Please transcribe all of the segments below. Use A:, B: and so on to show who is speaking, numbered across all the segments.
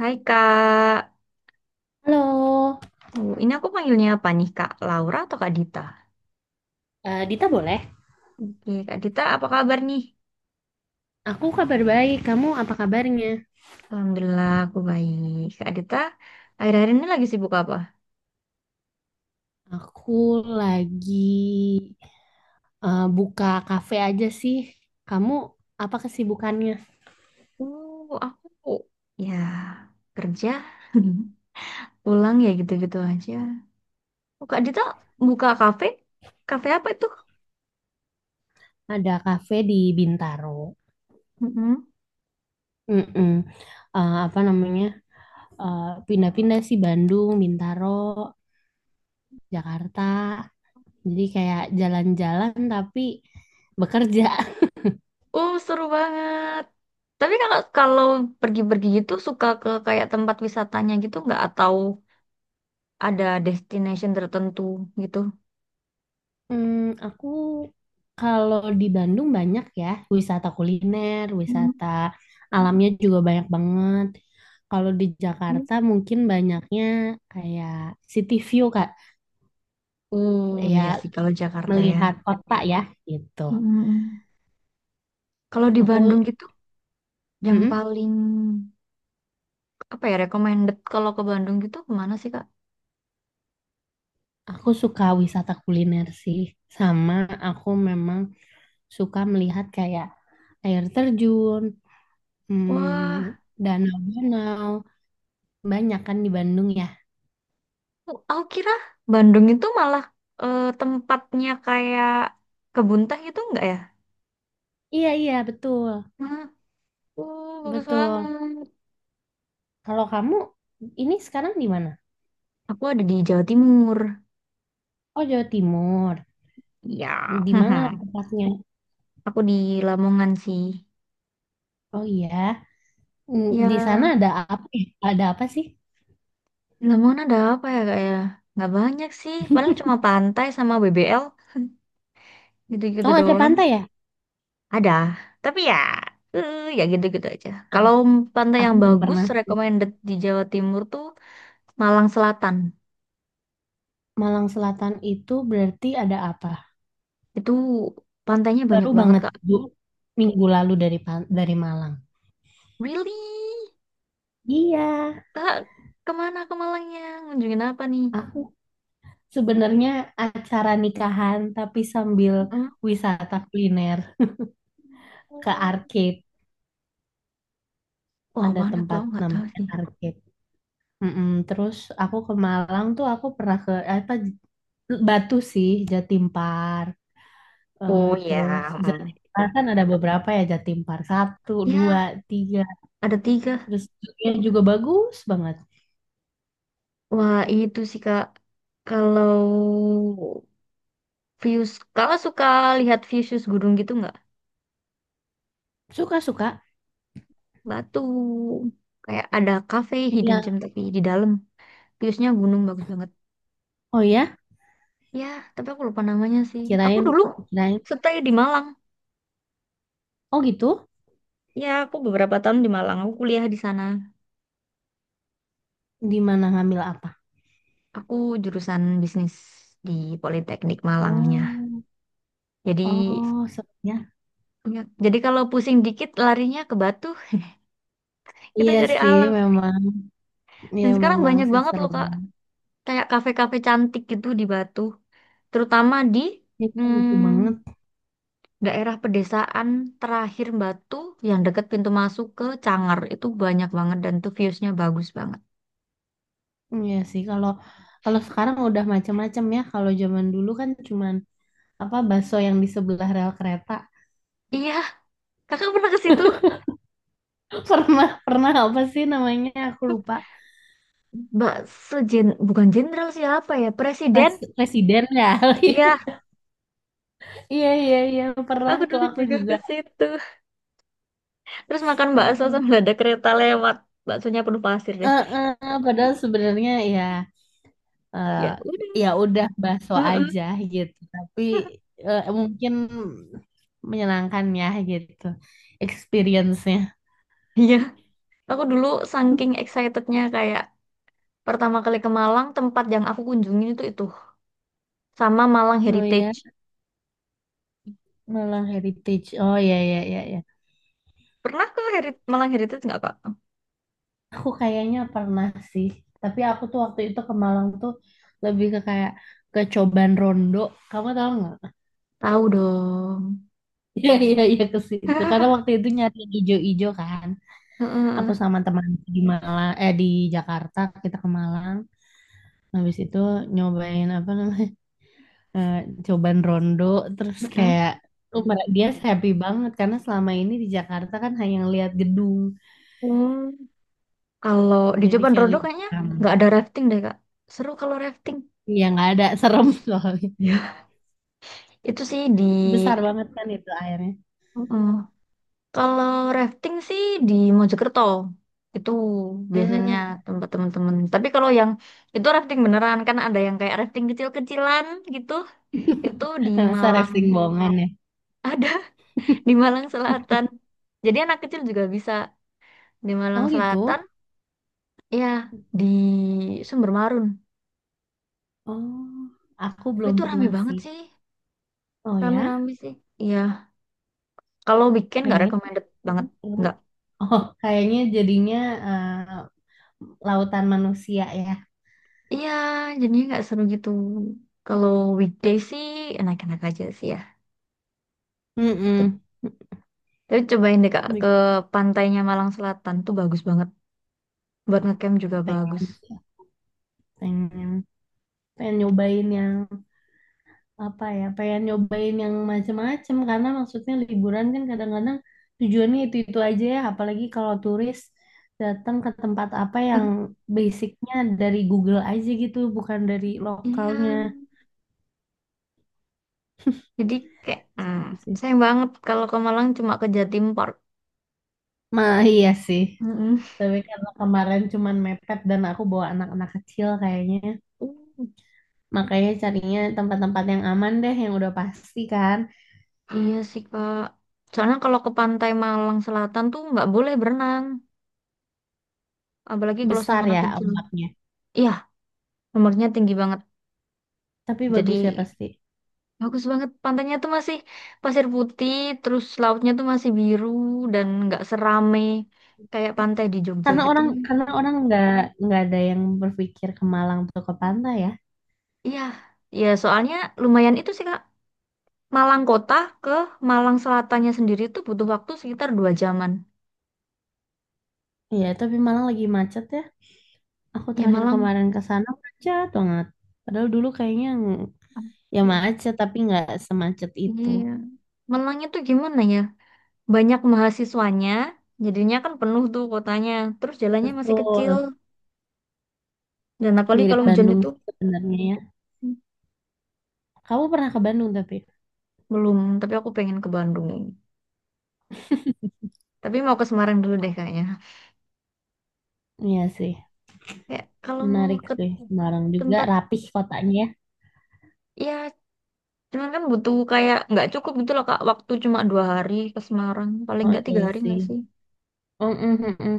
A: Hai Kak.
B: Halo,
A: Oh, ini aku panggilnya apa nih Kak, Laura atau Kak Dita?
B: Dita boleh?
A: Oke, Kak Dita apa kabar nih?
B: Aku kabar baik, kamu apa kabarnya?
A: Alhamdulillah aku baik. Kak Dita, akhir-akhir ini lagi sibuk apa?
B: Aku lagi buka kafe aja sih. Kamu apa kesibukannya?
A: Aku ya kerja, pulang ya gitu-gitu aja. Oh, Kak Dita buka kafe? Kafe apa itu?
B: Ada kafe di Bintaro.
A: Mm-mm.
B: Mm-mm. Apa namanya? Pindah-pindah sih Bandung, Bintaro, Jakarta. Jadi kayak jalan-jalan tapi bekerja.
A: Oh, seru banget. Tapi kalau kalau pergi-pergi gitu suka ke kayak tempat wisatanya gitu nggak, atau ada destination tertentu gitu?
B: Hmm, aku kalau di Bandung banyak ya wisata kuliner, wisata alamnya juga banyak banget. Kalau di Jakarta mungkin banyaknya kayak city view Kak,
A: Oh iya
B: kayak
A: sih kalau Jakarta ya.
B: melihat kota ya gitu.
A: Mm-mm. Kalau di Bandung
B: Aku
A: gitu, yang
B: mm-mm,
A: paling apa ya recommended kalau ke Bandung gitu kemana sih Kak?
B: aku suka wisata kuliner sih, sama aku memang suka melihat kayak air terjun,
A: Wah,
B: hmm, danau-danau, banyak kan di Bandung ya.
A: aku kira Bandung itu malah tempatnya kayak kebun teh gitu enggak ya?
B: Iya iya betul
A: Nah, bagus
B: betul.
A: banget.
B: Kalau kamu ini sekarang di mana?
A: Aku ada di Jawa Timur.
B: Oh, Jawa Timur.
A: Ya,
B: Di mana tempatnya?
A: aku di Lamongan sih.
B: Oh iya. Di
A: Ya,
B: sana ada apa? Ada apa sih?
A: di Lamongan ada apa ya Kak ya? Nggak banyak sih, paling cuma pantai sama BBL gitu-gitu
B: Oh, ada
A: doang.
B: pantai ya?
A: Ada, tapi ya, ya gitu-gitu aja. Kalau pantai
B: Aku
A: yang
B: belum
A: bagus,
B: pernah sih.
A: recommended di Jawa Timur tuh Malang Selatan.
B: Malang Selatan itu berarti ada apa?
A: Itu pantainya
B: Baru
A: banyak banget,
B: banget
A: Kak.
B: Bu, minggu lalu dari Malang.
A: Really?
B: Iya,
A: Kak, kemana ke Malangnya? Ngunjungin apa nih?
B: aku sebenarnya acara nikahan tapi sambil
A: Mm.
B: wisata kuliner ke arcade.
A: Wah,
B: Ada
A: mana tuh?
B: tempat
A: Aku nggak tahu
B: namanya
A: sih.
B: arcade. Mm-mm, terus aku ke Malang tuh aku pernah ke apa Batu sih Jatim Park. Eh,
A: Oh ya,
B: terus
A: mm.
B: Jatim Park kan ada beberapa ya Jatim Park satu dua
A: Ya,
B: tiga
A: ada tiga.
B: terus juga juga bagus banget.
A: Wah, itu sih, Kak. Kalau views, kalau suka lihat views gunung gitu nggak?
B: Suka suka.
A: Batu. Kayak ada cafe hidden
B: Iya,
A: gem tapi di dalam. Viewsnya gunung bagus banget.
B: oh ya.
A: Ya, tapi aku lupa namanya sih. Aku
B: Kirain,
A: dulu
B: kirain.
A: stay di Malang.
B: Oh gitu.
A: Ya, aku beberapa tahun di Malang. Aku kuliah di sana.
B: Di mana ngambil apa?
A: Aku jurusan bisnis di Politeknik Malangnya.
B: Oh,
A: Jadi,
B: oh, serunya.
A: jadi, kalau pusing dikit larinya ke Batu. Kita
B: Iya
A: cari
B: sih
A: alam.
B: memang, iya
A: Dan sekarang
B: memang
A: banyak
B: sih
A: banget
B: seru
A: loh, Kak.
B: banget.
A: Kayak kafe-kafe cantik gitu di Batu. Terutama di
B: Iya,
A: hmm,
B: seru banget.
A: daerah pedesaan terakhir Batu yang deket pintu masuk ke Cangar itu banyak banget dan tuh viewsnya bagus banget.
B: Iya sih kalau kalau sekarang udah macam-macam ya. Kalau zaman dulu kan cuman apa bakso yang di sebelah rel kereta.
A: Iya, kakak pernah ke situ?
B: Pernah pernah apa sih namanya? Aku lupa.
A: Mbak sejen, bukan jenderal siapa ya? Presiden?
B: Res, residen ya.
A: Iya,
B: Iya iya iya pernah
A: aku
B: tuh
A: dulu
B: aku
A: juga
B: juga.
A: ke situ. Terus makan
B: Aku
A: bakso sambil
B: pernah.
A: ada kereta lewat. Baksonya penuh pasir
B: Eh,
A: deh.
B: eh, eh, padahal sebenarnya ya eh,
A: Ya udah.
B: ya udah bakso
A: Heeh.
B: aja gitu. Tapi mungkin menyenangkan ya gitu experience-nya.
A: Iya, aku dulu saking excitednya kayak pertama kali ke Malang, tempat yang aku kunjungin itu sama Malang
B: Oh ya,
A: Heritage.
B: malah heritage. Oh ya ya ya ya.
A: Pernah ke Malang Heritage nggak, Kak?
B: Aku kayaknya pernah sih, tapi aku tuh waktu itu ke Malang tuh lebih ke kayak ke Coban Rondo. Kamu tahu nggak?
A: Tahu dong.
B: Iya iya iya ke situ. Karena waktu itu nyari yang ijo-ijo kan. Aku
A: Heeh,
B: sama teman di Malang eh di Jakarta kita ke Malang. Habis itu nyobain apa namanya eh, Coban Rondo. Terus
A: heeh.
B: kayak oh,
A: Hmm.
B: dia happy banget karena selama ini di Jakarta kan hanya ngeliat gedung.
A: Hmm, Kalau di
B: Jadi
A: Jeban
B: kayak
A: Rodo
B: lihat
A: kayaknya
B: yang
A: nggak ada rafting deh, Kak. Seru kalau rafting.
B: nggak ada serem soalnya.
A: Ya. Itu sih di...
B: Besar banget kan itu airnya.
A: Heeh. Kalau rafting sih di Mojokerto. Itu biasanya
B: Hmm.
A: tempat teman-teman. Tapi kalau yang itu rafting beneran, kan ada yang kayak rafting kecil-kecilan gitu. Itu di
B: Masa
A: Malang.
B: rafting bohongan ya?
A: Ada di Malang Selatan. Jadi anak kecil juga bisa di Malang
B: Oh
A: Selatan.
B: gitu?
A: Iya, di Sumber Marun.
B: Oh, aku
A: Tapi
B: belum
A: itu rame
B: pernah
A: banget
B: sih.
A: sih.
B: Oh ya?
A: Rame-rame sih. Iya. Kalau weekend nggak
B: Pengen.
A: recommended banget.
B: Pengen tahu.
A: Nggak.
B: Oh, kayaknya jadinya eh, lautan manusia ya.
A: Iya, jadinya nggak seru gitu. Kalau weekday sih enak-enak aja sih ya. Tuh.
B: Mm-mm.
A: Tapi cobain deh Kak ke pantainya Malang Selatan tuh bagus banget. Buat ngecamp juga bagus.
B: Pengen sih. Pengen. Pengen nyobain yang apa ya pengen nyobain yang macem-macem karena maksudnya liburan kan kadang-kadang tujuannya itu-itu aja ya apalagi kalau turis datang ke tempat apa yang basicnya dari Google aja gitu bukan dari lokalnya.
A: Iya. Jadi kayak
B: Gitu sih.
A: sayang banget kalau ke Malang cuma ke Jatim Park.
B: Nah, iya sih.
A: Mm-mm.
B: Tapi karena kemarin cuman mepet dan aku bawa anak-anak kecil kayaknya. Makanya carinya tempat-tempat yang aman deh, yang udah pasti kan.
A: Iya sih Kak. Soalnya kalau ke pantai Malang Selatan tuh nggak boleh berenang, apalagi kalau sama
B: Besar
A: anak
B: ya
A: kecil.
B: ombaknya.
A: Iya, nomornya tinggi banget.
B: Tapi
A: Jadi
B: bagus ya pasti.
A: bagus banget pantainya tuh masih pasir putih, terus lautnya tuh masih biru dan nggak serame kayak pantai di Jogja
B: Karena
A: gitu.
B: orang karena orang nggak ada yang berpikir ke Malang atau ke pantai ya.
A: Iya, ya soalnya lumayan itu sih Kak. Malang kota ke Malang Selatannya sendiri tuh butuh waktu sekitar 2 jaman.
B: Iya, tapi Malang lagi macet ya. Aku
A: Ya
B: terakhir
A: Malang.
B: kemarin ke sana macet banget. Padahal dulu kayaknya ya
A: Iya.
B: macet tapi nggak semacet itu.
A: Iya. Malang itu gimana ya? Banyak mahasiswanya, jadinya kan penuh tuh kotanya. Terus jalannya masih kecil.
B: Betul,
A: Dan apalagi
B: mirip
A: kalau, nah, hujan
B: Bandung
A: itu
B: sih sebenarnya ya. Kamu pernah ke Bandung tapi?
A: belum, tapi aku pengen ke Bandung. Tapi mau ke Semarang dulu deh kayaknya.
B: Iya sih,
A: Kayak kalau mau
B: menarik
A: ke
B: sih. Semarang juga
A: tempat,
B: rapih kotanya ya.
A: ya cuman kan butuh kayak nggak cukup gitu loh Kak, waktu cuma 2 hari ke Semarang, paling
B: Oh
A: nggak tiga
B: iya
A: hari
B: sih.
A: nggak sih?
B: Mm, mm, mm, mm.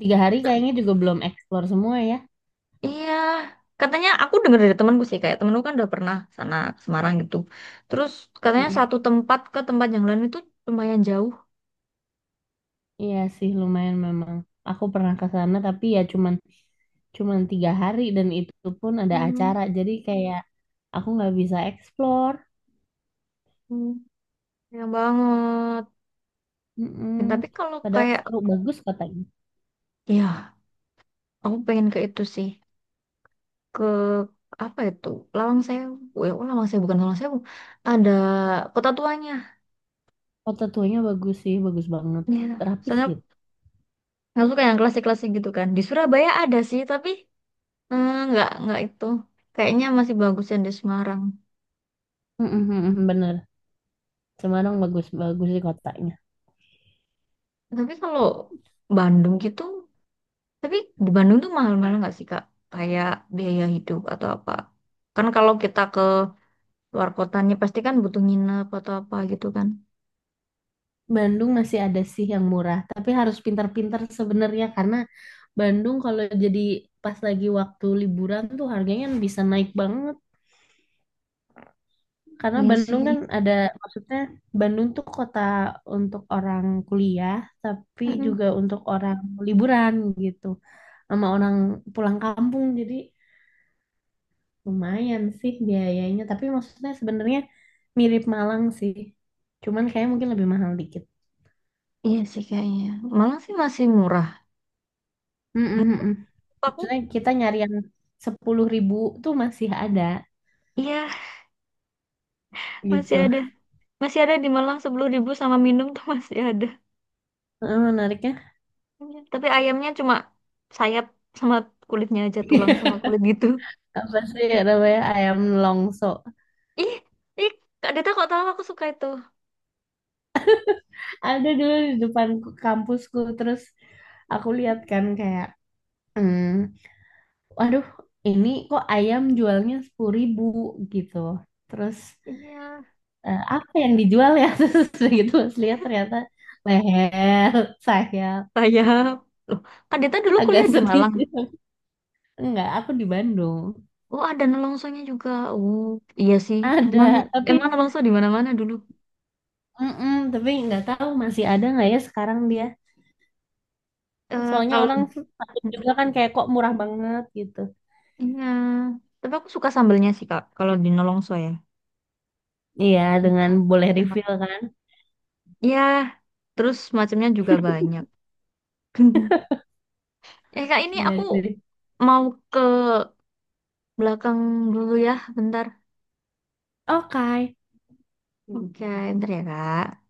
B: Tiga hari kayaknya juga belum eksplor semua ya.
A: Iya, katanya aku dengar dari temanku sih, kayak temanku kan udah pernah sana ke Semarang gitu, terus katanya
B: Mm,
A: satu tempat ke tempat yang lain itu lumayan jauh
B: Iya sih lumayan memang. Aku pernah ke sana tapi ya cuman cuman tiga hari dan itu pun ada acara. Jadi kayak aku nggak bisa explore.
A: hmm. Sayang banget.
B: Mm-mm.
A: Dan tapi kalau
B: Padahal
A: kayak,
B: seru bagus katanya.
A: ya, aku pengen ke itu sih. Ke apa itu? Lawang Sewu. Ya, oh, Lawang Sewu bukan Lawang Sewu. Ada kota tuanya.
B: Kota tuanya bagus sih, bagus banget.
A: Ya.
B: Rapih
A: Soalnya
B: gitu.
A: nggak suka yang klasik-klasik gitu kan. Di Surabaya ada sih, tapi nggak itu. Kayaknya masih bagus yang di Semarang.
B: Mm-mm, bener. Semarang bagus-bagus sih kotanya.
A: Tapi kalau Bandung gitu, tapi di Bandung tuh mahal-mahal nggak sih Kak? Kayak biaya hidup atau apa? Kan kalau kita ke luar kotanya pasti kan butuh nginep atau apa gitu kan.
B: Bandung masih ada sih yang murah, tapi harus pintar-pintar sebenarnya karena Bandung kalau jadi pas lagi waktu liburan tuh harganya bisa naik banget. Karena
A: Iya
B: Bandung
A: sih.
B: kan ada, maksudnya Bandung tuh kota untuk orang kuliah, tapi
A: Mm-mm.
B: juga untuk orang liburan gitu, sama orang pulang kampung. Jadi lumayan sih biayanya, tapi maksudnya sebenarnya mirip Malang sih, cuman kayak mungkin lebih mahal dikit.
A: Iya sih kayaknya. Malang sih masih murah.
B: Mm-mm-mm.
A: Menurut aku,
B: Maksudnya kita nyari yang 10.000 tuh masih ada
A: iya masih
B: gitu.
A: ada. Masih ada di Malang 10.000 sama minum tuh masih ada.
B: Eh, menariknya
A: Iya. Tapi ayamnya cuma sayap sama kulitnya aja, tulang sama kulit gitu.
B: apa sih namanya ayam longso?
A: Ih, ih, Kak Dita kok tahu aku suka itu?
B: Ada dulu di depan kampusku terus aku lihat kan kayak hmm, waduh ini kok ayam jualnya 10.000 gitu terus
A: Iya,
B: apa yang dijual ya terus udah gitu pas lihat ternyata leher sayap.
A: sayap. Loh, Kak Dita dulu
B: Agak
A: kuliah di
B: sedih
A: Malang.
B: sih. Enggak aku di Bandung.
A: Oh, ada nolongsonya juga. Oh, iya sih. Emang
B: Ada. Tapi
A: emang nolongso di mana-mana dulu.
B: mm-mm, tapi nggak tahu masih ada nggak ya sekarang dia.
A: Eh,
B: Soalnya
A: kalau
B: orang takut juga kan kayak kok murah banget gitu.
A: iya, tapi aku suka sambelnya sih Kak, kalau di nolongso ya.
B: Iya dengan
A: Enak,
B: boleh refill
A: enak.
B: kan.
A: Ya, terus macamnya juga banyak. Eh Kak, ini aku
B: Iya sih.
A: mau ke belakang dulu ya, bentar.
B: Ok,
A: Oke, bentar ya Kak.